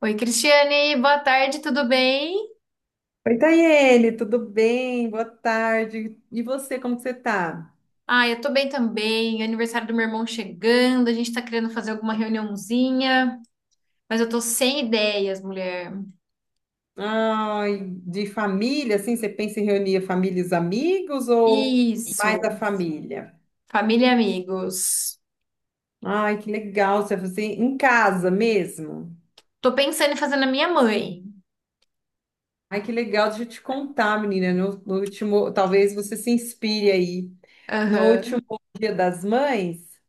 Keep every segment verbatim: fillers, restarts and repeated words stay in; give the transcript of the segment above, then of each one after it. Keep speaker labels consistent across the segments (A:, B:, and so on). A: Oi, Cristiane, boa tarde, tudo bem?
B: Oi, Tayene, tudo bem? Boa tarde. E você, como que você tá?
A: Ah, eu tô bem também. Aniversário do meu irmão chegando, a gente tá querendo fazer alguma reuniãozinha, mas eu tô sem ideias, mulher.
B: Ai, de família, assim, você pensa em reunir a família, e os amigos ou mais a
A: Isso,
B: família?
A: família e amigos.
B: Ai, que legal, você vai fazer em casa mesmo.
A: Tô pensando em fazer na minha mãe.
B: Ai, que legal, deixa eu te contar, menina, no, no último, talvez você se inspire aí. No último
A: Aham,
B: Dia das Mães,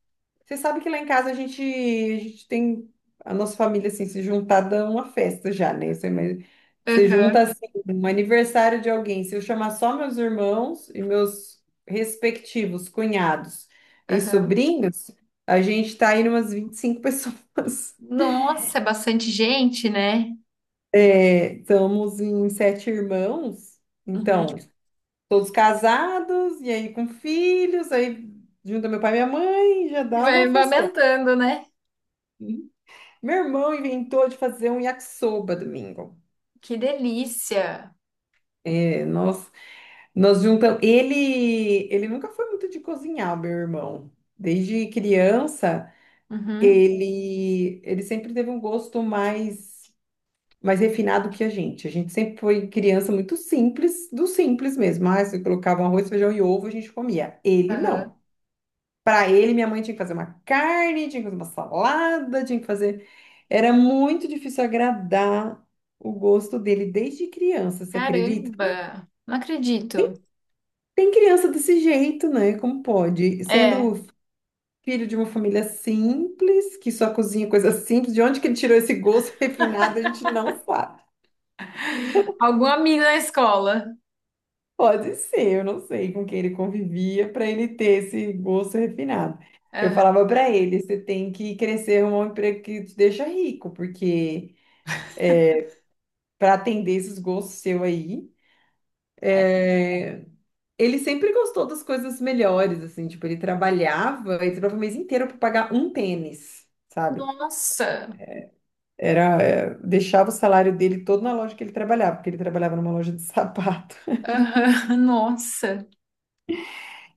B: você sabe que lá em casa a gente, a gente tem a nossa família assim se juntar dá uma festa já, né? Você, mas, você junta
A: aham,
B: assim um aniversário de alguém. Se eu chamar só meus irmãos e meus respectivos cunhados e
A: aham.
B: sobrinhos, a gente tá aí umas vinte e cinco pessoas.
A: Nossa, é bastante gente, né?
B: É, estamos em sete irmãos,
A: Uhum.
B: então, todos casados, e aí com filhos, aí junta meu pai e minha mãe, já dá
A: Vai
B: uma
A: vai
B: festona.
A: aumentando, né?
B: Meu irmão inventou de fazer um yakisoba domingo.
A: Que delícia.
B: É, nós, nós juntamos. Ele, ele nunca foi muito de cozinhar, o meu irmão. Desde criança,
A: Uhum,
B: ele, ele sempre teve um gosto mais, mais refinado que a gente. A gente sempre foi criança muito simples, do simples mesmo. Ah, se colocava um arroz, feijão e ovo, a gente comia. Ele
A: aham.
B: não. Para ele, minha mãe tinha que fazer uma carne, tinha que fazer uma salada, tinha que fazer. Era muito difícil agradar o gosto dele desde criança, você acredita?
A: Caramba, não acredito.
B: Tem criança desse jeito, né? Como pode?
A: É.
B: Sendo filho de uma família simples, que só cozinha coisa simples, de onde que ele tirou esse gosto refinado, a gente não sabe.
A: Algum amigo da escola.
B: Pode ser, eu não sei com quem ele convivia para ele ter esse gosto refinado. Eu
A: Aham.
B: falava para ele, você tem que crescer um emprego que te deixa rico, porque para atender esses gostos seu aí,
A: É.
B: eh, ele sempre gostou das coisas melhores, assim, tipo, ele trabalhava, ele trabalhava o mês inteiro para pagar um tênis, sabe?
A: Nossa.
B: Era, é, deixava o salário dele todo na loja que ele trabalhava, porque ele trabalhava numa loja de sapato.
A: Aham. Nossa.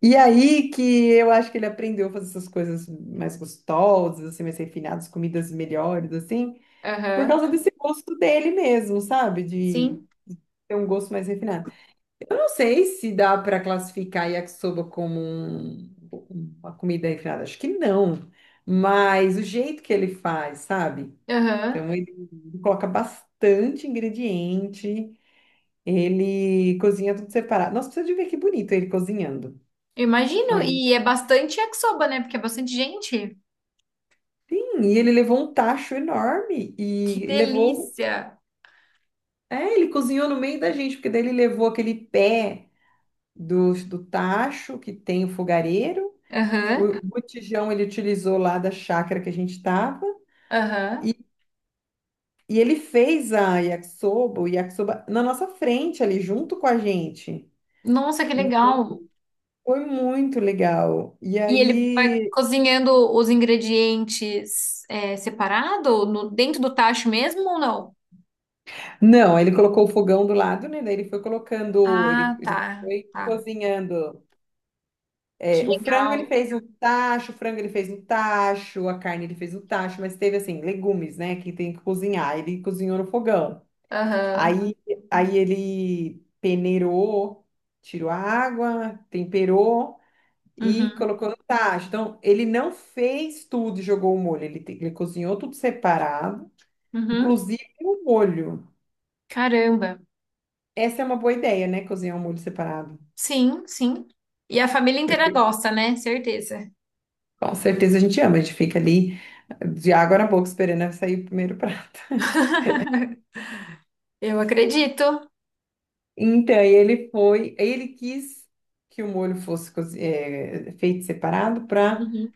B: E aí que eu acho que ele aprendeu a fazer essas coisas mais gostosas, assim, mais refinadas, comidas melhores, assim, por
A: Aham.
B: causa desse gosto dele mesmo, sabe? De
A: Sim.
B: ter um gosto mais refinado. Eu não sei se dá para classificar yakisoba como um- uma comida refinada. Acho que não. Mas o jeito que ele faz, sabe?
A: Aham.
B: Então, ele coloca bastante ingrediente. Ele cozinha tudo separado. Nossa, precisa de ver que bonito ele cozinhando.
A: Eu imagino.
B: Aí,
A: E é bastante yakisoba, né? Porque é bastante gente.
B: sim. E ele levou um tacho enorme.
A: Que
B: E levou...
A: delícia.
B: É, ele cozinhou no meio da gente. Porque daí ele levou aquele pé do, do tacho que tem o fogareiro. O
A: Aham.
B: botijão ele utilizou lá da chácara que a gente estava
A: Aham.
B: e ele fez a yakisoba, o yakisoba na nossa frente ali, junto com a gente.
A: Nossa, que
B: Então
A: legal.
B: foi muito legal. E
A: E ele vai
B: aí,
A: cozinhando os ingredientes é, separado, no, dentro do tacho mesmo ou não?
B: não, aí ele colocou o fogão do lado, né? Daí ele foi colocando, ele,
A: Ah,
B: ele
A: tá.
B: foi
A: Tá.
B: cozinhando.
A: Que
B: É, o frango ele
A: legal.
B: fez no tacho, o frango ele fez no tacho, a carne ele fez no tacho, mas teve assim, legumes, né? Que tem que cozinhar. Ele cozinhou no fogão.
A: Aham.
B: Aí, aí ele peneirou, tirou a água, temperou e
A: Uhum.
B: colocou no tacho. Então, ele não fez tudo e jogou o molho. Ele, te- ele cozinhou tudo separado,
A: Uhum.
B: inclusive o molho.
A: Caramba.
B: Essa é uma boa ideia, né? Cozinhar um molho separado.
A: Sim, sim. E a família inteira
B: Porque
A: gosta, né? Certeza.
B: com certeza a gente ama, a gente fica ali eh, de água na boca esperando sair o primeiro prato.
A: Eu acredito.
B: Então, aí ele foi, aí ele quis que o molho fosse cozi- eh, feito separado para
A: Uhum.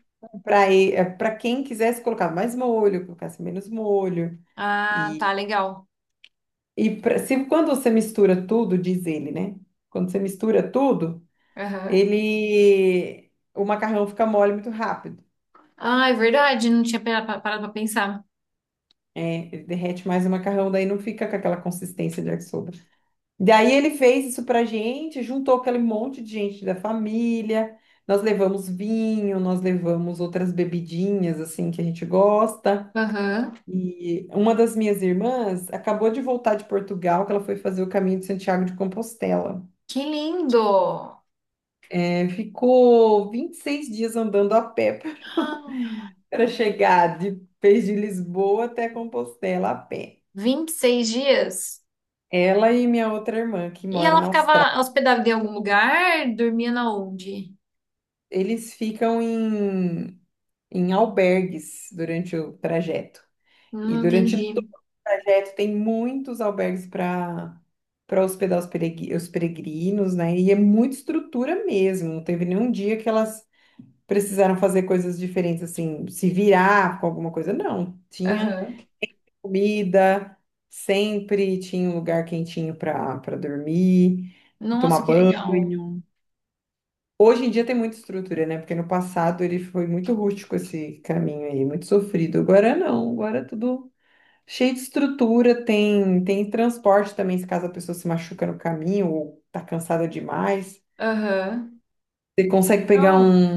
B: para quem quisesse colocar mais molho, colocasse menos molho.
A: Ah, tá,
B: E,
A: legal.
B: e pra- se, quando você mistura tudo, diz ele, né? Quando você mistura tudo,
A: Aham.
B: ele o macarrão fica mole muito rápido.
A: Ah, é verdade, não tinha pera- pa- parado pra pensar.
B: É, ele derrete mais o macarrão, daí não fica com aquela consistência de yakisoba. Daí ele fez isso pra gente, juntou aquele monte de gente da família. Nós levamos vinho, nós levamos outras bebidinhas assim que a gente gosta.
A: Aham.
B: E uma das minhas irmãs acabou de voltar de Portugal, que ela foi fazer o caminho de Santiago de Compostela.
A: Que lindo!
B: É, ficou vinte e seis dias andando a pé
A: Ah,
B: para chegar de, fez de Lisboa até Compostela a pé.
A: vinte e seis dias.
B: Ela e minha outra irmã, que
A: E
B: mora
A: ela
B: na Austrália,
A: ficava hospedada em algum lugar? Dormia na onde?
B: eles ficam em, em albergues durante o trajeto.
A: Hum,
B: E durante todo
A: entendi.
B: o trajeto tem muitos albergues para para hospedar os peregri- os peregrinos, né? E é muita estrutura mesmo. Não teve nenhum dia que elas precisaram fazer coisas diferentes, assim, se virar com alguma coisa. Não, tinha
A: Aham.
B: comida, sempre tinha um lugar quentinho para para dormir, tomar
A: Nossa, que legal.
B: banho. Hoje em dia tem muita estrutura, né? Porque no passado ele foi muito rústico esse caminho aí, muito sofrido. Agora não, agora tudo cheio de estrutura, tem, tem transporte também, se caso a pessoa se machuca no caminho ou tá cansada demais.
A: Aham.
B: Você consegue pegar
A: Oh.
B: um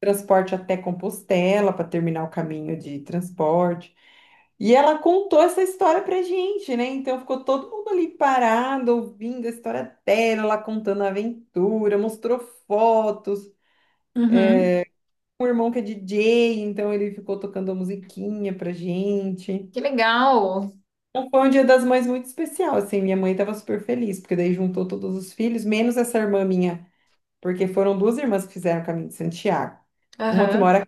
B: transporte até Compostela para terminar o caminho de transporte. E ela contou essa história pra gente, né? Então ficou todo mundo ali parado, ouvindo a história dela, ela contando a aventura, mostrou fotos.
A: Uhum.
B: O irmão que é D J, então ele ficou tocando a musiquinha pra gente.
A: Que legal.
B: Então, foi um Dia das Mães muito especial, assim, minha mãe estava super feliz, porque daí juntou todos os filhos, menos essa irmã minha, porque foram duas irmãs que fizeram o caminho de Santiago. Uma que
A: Aham.
B: mora,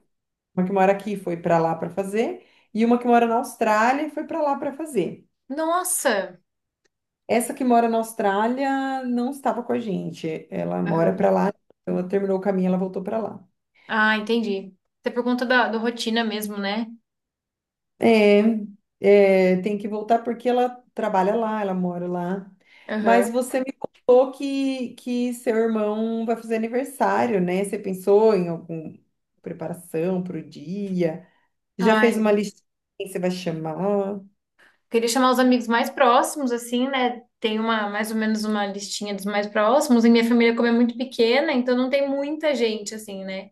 B: uma que mora aqui foi para lá para fazer, e uma que mora na Austrália e foi para lá para fazer.
A: Nossa.
B: Essa que mora na Austrália não estava com a gente, ela mora para
A: Aham.
B: lá, então ela terminou o caminho, ela voltou para lá.
A: Ah, entendi. Até por conta da, da rotina mesmo, né?
B: É, é, tem que voltar porque ela trabalha lá, ela mora lá.
A: Aham.
B: Mas você me contou que, que seu irmão vai fazer aniversário, né? Você pensou em alguma preparação para o dia? Já fez
A: Ai,
B: uma lista de quem você vai chamar?
A: queria chamar os amigos mais próximos, assim, né? Tem uma, mais ou menos uma listinha dos mais próximos. E minha família, como é muito pequena, então não tem muita gente, assim, né?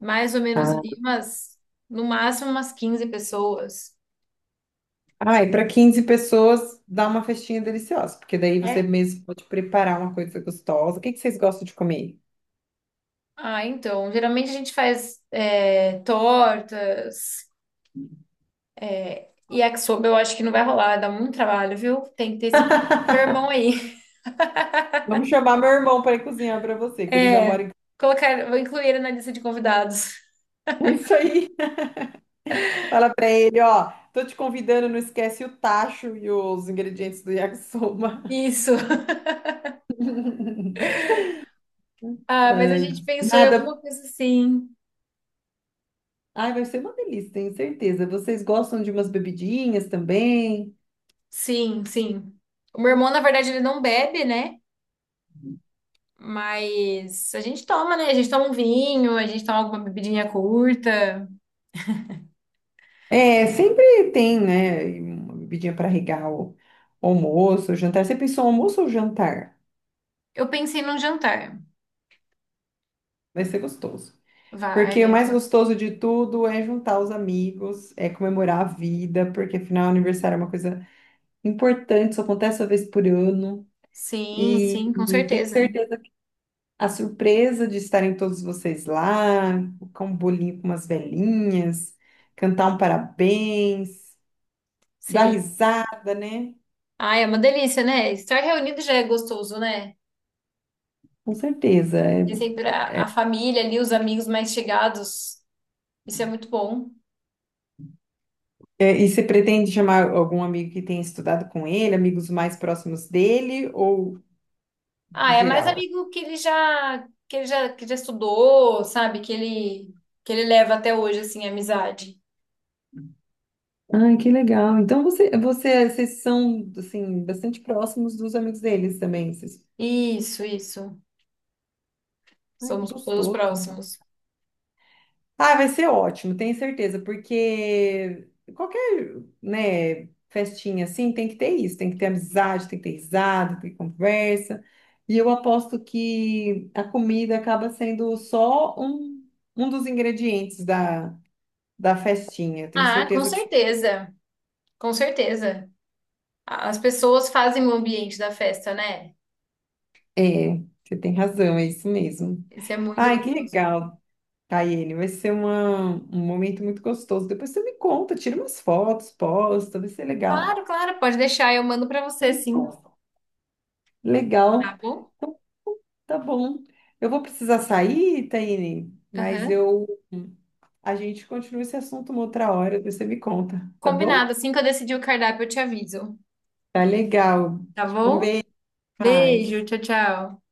A: Mais ou menos ali umas, no máximo umas quinze pessoas.
B: Ai, para quinze pessoas, dá uma festinha deliciosa, porque daí você
A: É?
B: mesmo pode preparar uma coisa gostosa. O que que vocês gostam de comer?
A: Ah, então, geralmente a gente faz é, tortas e yakisoba, eu acho que não vai rolar, dá muito trabalho, viu? Tem que ter esse irmão aí.
B: Vamos chamar meu irmão para ir cozinhar para você, que ele já mora
A: É,
B: em.
A: colocar, vou incluir ele na lista de convidados.
B: Isso aí. Fala pra ele, ó, tô te convidando, não esquece o tacho e os ingredientes do yakisoba.
A: Isso. Ah, mas a
B: Ai,
A: gente pensou em
B: nada.
A: alguma coisa assim.
B: Ai, vai ser uma delícia, tenho certeza. Vocês gostam de umas bebidinhas também?
A: Sim, sim. O meu irmão, na verdade, ele não bebe, né? Mas a gente toma, né? A gente toma um vinho, a gente toma alguma bebidinha curta.
B: É, sempre tem, né, uma bebidinha para regar o almoço, o jantar. Você pensou almoço ou jantar?
A: Eu pensei num jantar.
B: Vai ser gostoso.
A: Vai,
B: Porque o mais
A: vai.
B: gostoso de tudo é juntar os amigos, é comemorar a vida, porque afinal aniversário é uma coisa importante, só acontece uma vez por ano.
A: Sim,
B: E,
A: sim, com
B: e tenho
A: certeza.
B: certeza. A surpresa de estarem todos vocês lá, colocar um bolinho com umas velhinhas, cantar um parabéns, dar
A: Sim.
B: risada, né?
A: Ai, é uma delícia, né? Estar reunido já é gostoso, né?
B: Com certeza. É,
A: De sempre a, a família ali, os amigos mais chegados. Isso é muito bom.
B: é, e você pretende chamar algum amigo que tenha estudado com ele, amigos mais próximos dele ou
A: Ah, é mais
B: geral?
A: amigo que ele já que ele já que já estudou, sabe? Que ele que ele leva até hoje assim, a amizade.
B: Ah, que legal. Então você, você, vocês são assim bastante próximos dos amigos deles também. Vocês...
A: Isso, isso.
B: Ai, que
A: Somos todos
B: gostoso.
A: próximos.
B: Ah, vai ser ótimo, tenho certeza, porque qualquer, né, festinha assim tem que ter isso, tem que ter amizade, tem que ter risada, tem que ter conversa. E eu aposto que a comida acaba sendo só um, um dos ingredientes da, da festinha. Tenho
A: Ah, com
B: certeza que você-
A: certeza. Com certeza. A- As pessoas fazem o ambiente da festa, né?
B: é, você tem razão, é isso mesmo.
A: Isso é muito
B: Ai, que
A: gostoso.
B: legal, Tayene, vai ser uma, um momento muito gostoso. Depois você me conta, tira umas fotos, posta, vai ser
A: Claro,
B: legal.
A: claro, pode deixar, eu mando pra você, sim. Tá
B: Legal.
A: bom?
B: Então, tá bom. Eu vou precisar sair, Taine, mas
A: Aham.
B: eu a gente continua esse assunto uma outra hora, depois você me conta, tá
A: Combinado.
B: bom?
A: Assim que eu decidir o cardápio, eu te aviso.
B: Tá legal.
A: Tá bom? Beijo,
B: Mas
A: tchau, tchau.